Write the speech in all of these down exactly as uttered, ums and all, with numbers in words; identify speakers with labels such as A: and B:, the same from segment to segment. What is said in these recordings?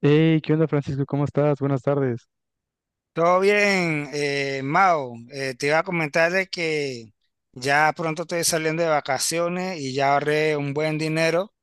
A: Hey, ¿qué onda, Francisco? ¿Cómo estás? Buenas tardes.
B: Todo bien, eh, Mao. Eh, te iba a comentar de que ya pronto estoy saliendo de vacaciones y ya ahorré un buen dinero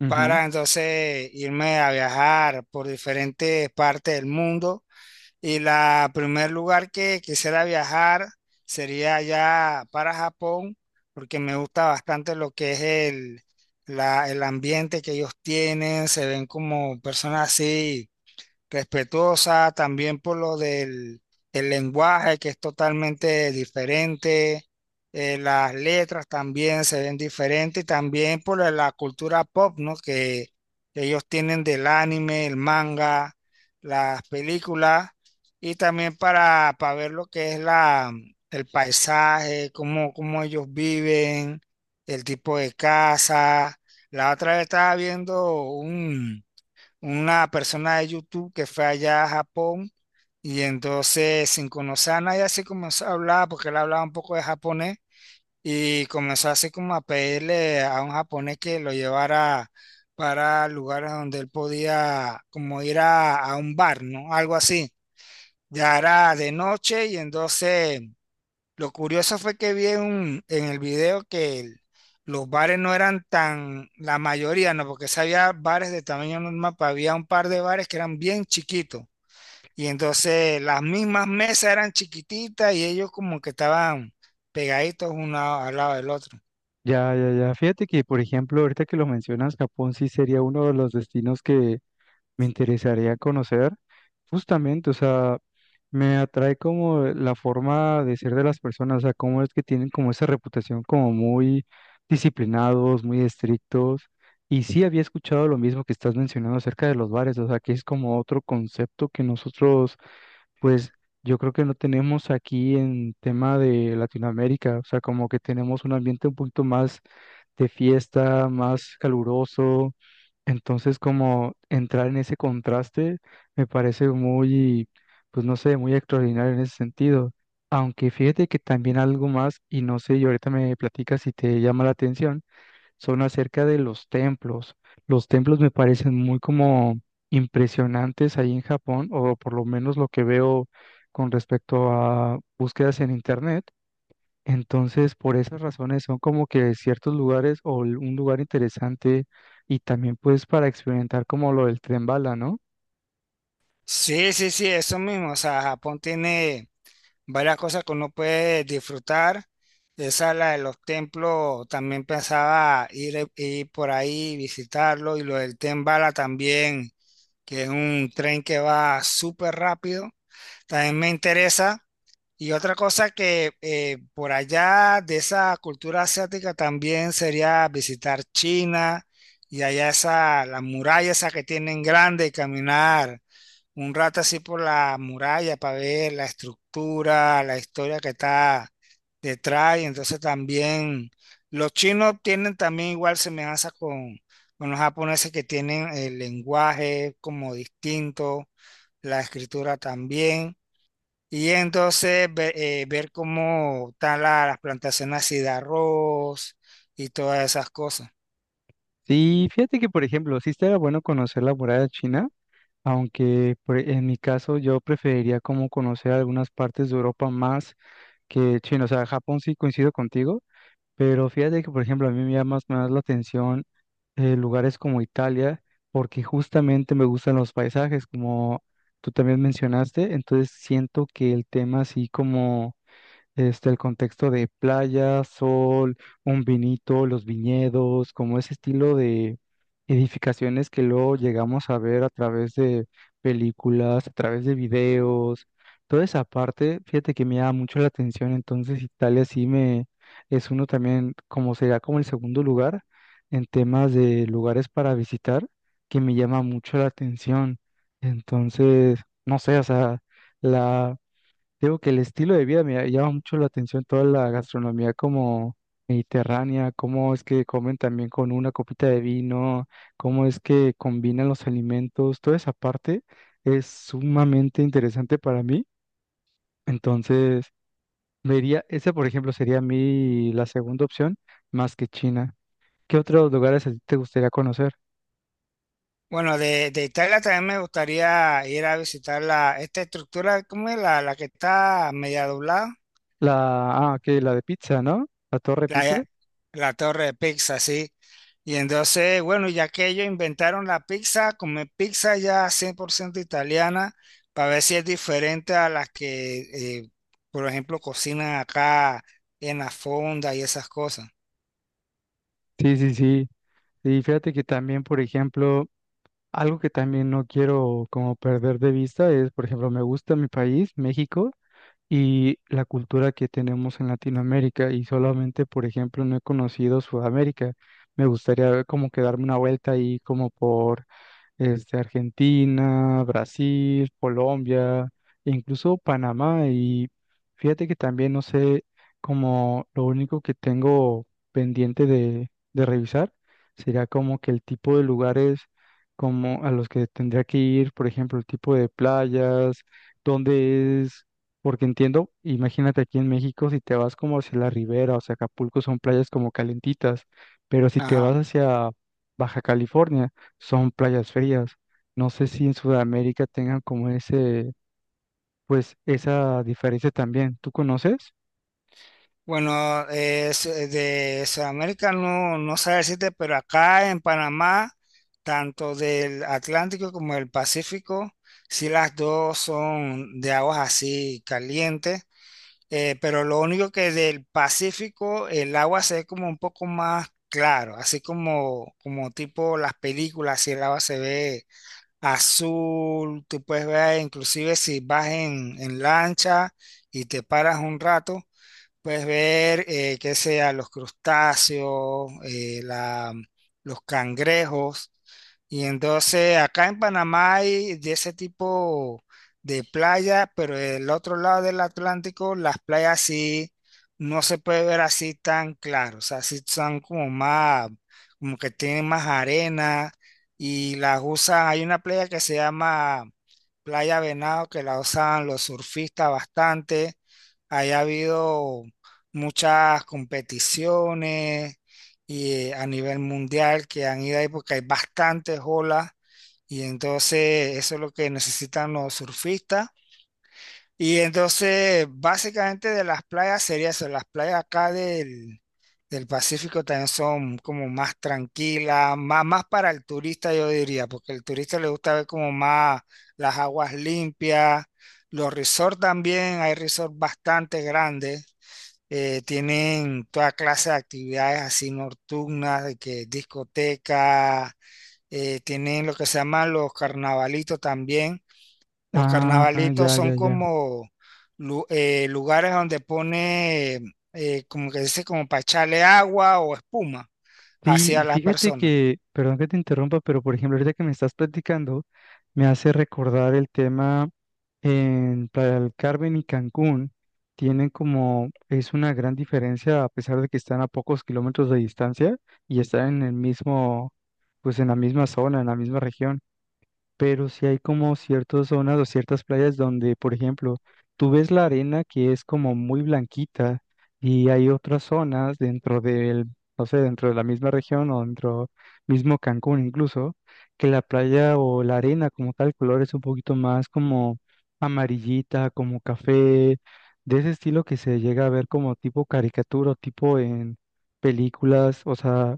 A: Ujú.
B: para entonces irme a viajar por diferentes partes del mundo. Y la primer lugar que quisiera viajar sería ya para Japón, porque me gusta bastante lo que es el, la- el ambiente que ellos tienen. Se ven como personas así respetuosa, también por lo del el lenguaje que es totalmente diferente, eh, las letras también se ven diferentes y también por la la cultura pop, ¿no? Que ellos tienen del anime, el manga, las películas y también para, para ver lo que es la, el paisaje, cómo, cómo ellos viven, el tipo de casa. La otra vez estaba viendo un una persona de YouTube que fue allá a Japón y entonces sin conocer a nadie así comenzó a hablar porque él hablaba un poco de japonés y comenzó así como a pedirle a un japonés que lo llevara para lugares donde él podía como ir a, a un bar, ¿no? Algo así. Ya era de noche y entonces lo curioso fue que vi en, un- en el video que el- los bares no eran tan, la mayoría no, porque si había bares de tamaño normal, pero había un par de bares que eran bien chiquitos. Y entonces las mismas mesas eran chiquititas y ellos como que estaban pegaditos uno al lado del otro.
A: Ya, ya, ya. Fíjate que, por ejemplo, ahorita que lo mencionas, Japón sí sería uno de los destinos que me interesaría conocer. Justamente, o sea, me atrae como la forma de ser de las personas, o sea, cómo es que tienen como esa reputación como muy disciplinados, muy estrictos. Y sí había escuchado lo mismo que estás mencionando acerca de los bares, o sea, que es como otro concepto que nosotros, pues yo creo que no tenemos aquí en tema de Latinoamérica, o sea, como que tenemos un ambiente un poquito más de fiesta, más caluroso, entonces como entrar en ese contraste me parece muy, pues no sé, muy extraordinario en ese sentido. Aunque fíjate que también algo más, y no sé, y ahorita me platicas si te llama la atención, son acerca de los templos. Los templos me parecen muy como impresionantes ahí en Japón, o por lo menos lo que veo con respecto a búsquedas en internet. Entonces, por esas razones son como que ciertos lugares o l- un lugar interesante, y también pues para experimentar como lo del tren bala, ¿no?
B: Sí, sí, sí, eso mismo. O sea, Japón tiene varias cosas que uno puede disfrutar. Esa es la de los templos, también pensaba ir, eh, ir por ahí, visitarlo, y lo del Tren Bala también, que es un tren que va súper rápido, también me interesa. Y otra cosa que eh, por allá de esa cultura asiática también sería visitar China y allá esa, la muralla esa que tienen grande y caminar un rato así por la muralla para ver la estructura, la historia que está detrás. Y entonces también los chinos tienen también igual semejanza con, con los japoneses que tienen el lenguaje como distinto, la escritura también. Y entonces ve- eh, ver cómo están la- las plantaciones así de arroz y todas esas cosas.
A: Sí, fíjate que por ejemplo, sí estaría bueno conocer la muralla china, aunque por- e, en mi caso yo preferiría como conocer algunas partes de Europa más. Que chin, o sea, Japón sí coincido contigo, pero fíjate que, por ejemplo, a mí me llama más, más la atención, eh, lugares como Italia, porque justamente me gustan los paisajes, como tú también mencionaste, entonces siento que el tema así como este, el contexto de playa, sol, un vinito, los viñedos, como ese estilo de edificaciones que luego llegamos a ver a través de películas, a través de videos, toda esa parte, fíjate que me llama mucho la atención, entonces Italia sí me es uno también, como sería como el segundo lugar en temas de lugares para visitar, que me llama mucho la atención. Entonces, no sé, o sea, la digo que el estilo de vida me llama mucho la atención, toda la gastronomía como mediterránea, cómo es que comen también con una copita de vino, cómo es que combinan los alimentos, toda esa parte es sumamente interesante para mí. Entonces, vería, esa por ejemplo sería mi la segunda opción, más que China. ¿Qué otros lugares a ti te gustaría conocer?
B: Bueno, de, de Italia también me gustaría ir a visitar la, esta estructura, ¿cómo es? La, la que está media doblada,
A: La, ah, que la de pizza, ¿no? La Torre Pizza.
B: la, la torre de pizza, sí. Y entonces, bueno, ya que ellos inventaron la pizza, comer pizza ya cien por ciento italiana, para ver si es diferente a las que, eh, por ejemplo, cocinan acá en la fonda y esas cosas.
A: Sí, sí, sí. Y fíjate que también, por ejemplo, algo que también no quiero como perder de vista es, por ejemplo, me gusta mi país, México, y la cultura que tenemos en Latinoamérica, y solamente, por ejemplo, no he conocido Sudamérica. Me gustaría como que darme una vuelta ahí como por este, Argentina, Brasil, Colombia, e incluso Panamá. Y fíjate que también no sé, como lo único que tengo pendiente de, de revisar sería como que el tipo de lugares como a los que tendría que ir, por ejemplo, el tipo de playas, dónde es, porque entiendo, imagínate aquí en México, si te vas como hacia la ribera, o sea, Acapulco son playas como calentitas, pero si te vas hacia Baja California, son playas frías. No sé si en Sudamérica tengan como ese, pues esa diferencia también. ¿Tú conoces?
B: Bueno, eh, es- eh, de Sudamérica no, no sé decirte, pero acá en Panamá, tanto del Atlántico como del Pacífico, sí las dos son de aguas así calientes, eh, pero lo único que del Pacífico el agua se ve como un poco más claro, así como, como tipo las películas, si el agua se ve azul, tú puedes ver inclusive si vas en en lancha y te paras un rato. Puedes ver, eh, que sea los crustáceos, eh, la- los cangrejos. Y entonces acá en Panamá hay de ese tipo de playa, pero del otro lado del Atlántico, las playas sí no se puede ver así tan claro. O sea, sí son como más, como que tienen más arena y las usan. Hay una playa que se llama Playa Venado que la usan los surfistas bastante. Ahí ha habido muchas competiciones y, eh, a nivel mundial que han ido ahí porque hay bastantes olas y entonces eso es lo que necesitan los surfistas. Y entonces básicamente de las playas sería eso, las playas acá del, del Pacífico también son como más tranquilas, más, más, para el turista yo diría, porque el turista le gusta ver como más las aguas limpias. Los resorts también, hay resorts bastante grandes eh, tienen toda clase de actividades así nocturnas, de que discoteca, eh, tienen lo que se llaman los carnavalitos también. Los
A: Ah,
B: carnavalitos
A: ya,
B: son
A: ya, ya.
B: como lu- eh, lugares donde pone, eh, como que dice, como para echarle agua o espuma
A: Sí,
B: hacia
A: y
B: las
A: fíjate
B: personas.
A: que, perdón que te interrumpa, pero por ejemplo, ahorita que me estás platicando, me hace recordar el tema en Playa del Carmen y Cancún. Tienen como, es una gran diferencia a pesar de que están a pocos kilómetros de distancia y están en el mismo, pues en la misma zona, en la misma región, pero sí hay como ciertas zonas o ciertas playas donde, por ejemplo, tú ves la arena que es como muy blanquita, y hay otras zonas dentro del, no sé, dentro de la misma región o dentro mismo Cancún incluso, que la playa o la arena como tal color es un poquito más como amarillita, como café, de ese estilo que se llega a ver como tipo caricatura, o tipo en películas, o sea,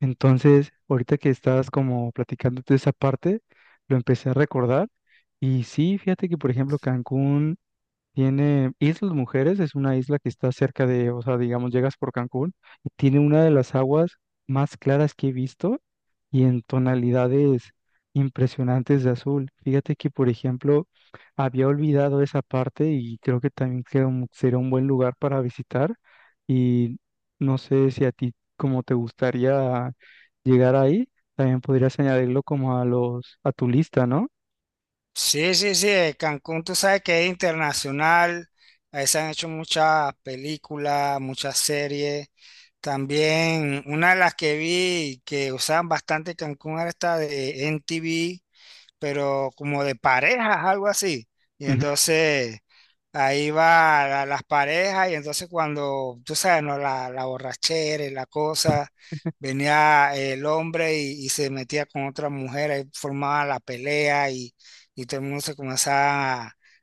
A: entonces, ahorita que estás como platicándote esa parte, lo empecé a recordar. Y sí, fíjate que, por ejemplo, Cancún tiene Islas Mujeres, es una isla que está cerca de, o sea, digamos, llegas por Cancún y tiene una de las aguas más claras que he visto y en tonalidades impresionantes de azul. Fíjate que, por ejemplo, había olvidado esa parte y creo que también que un- sería un buen lugar para visitar, y no sé si a ti como te gustaría llegar ahí, también podrías añadirlo como a los a tu lista, ¿no?
B: Sí, sí, sí, eh, Cancún tú sabes que es internacional, ahí se han hecho muchas películas, muchas series. También una de las que vi que usaban bastante Cancún era esta de N T V, pero como de parejas, algo así. Y
A: Ujú.
B: entonces ahí va la- las parejas y entonces cuando, tú sabes, ¿no? La, la borrachera y la cosa, venía el hombre y, y se metía con otra mujer, ahí formaba la pelea y, y todo el mundo se comenzaba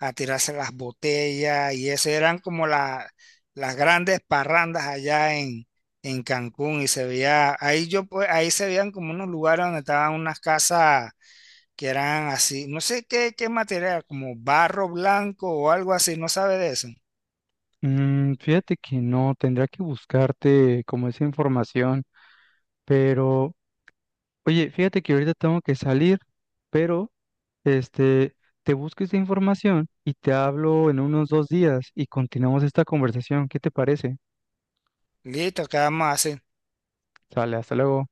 B: a, a tirarse las botellas y eso eran como la- las grandes parrandas allá en, en Cancún y se veía, ahí yo pues, ahí se veían como unos lugares donde estaban unas casas que eran así, no sé qué, qué material, como barro blanco o algo así, no sabe de eso.
A: Mm, fíjate que no, tendría que buscarte como esa información, pero oye, fíjate que ahorita tengo que salir, pero este, te busco esta información y te hablo en unos dos días y continuamos esta conversación. ¿Qué te parece?
B: Listo, ¿qué vamos a hacer?
A: Sale, hasta luego.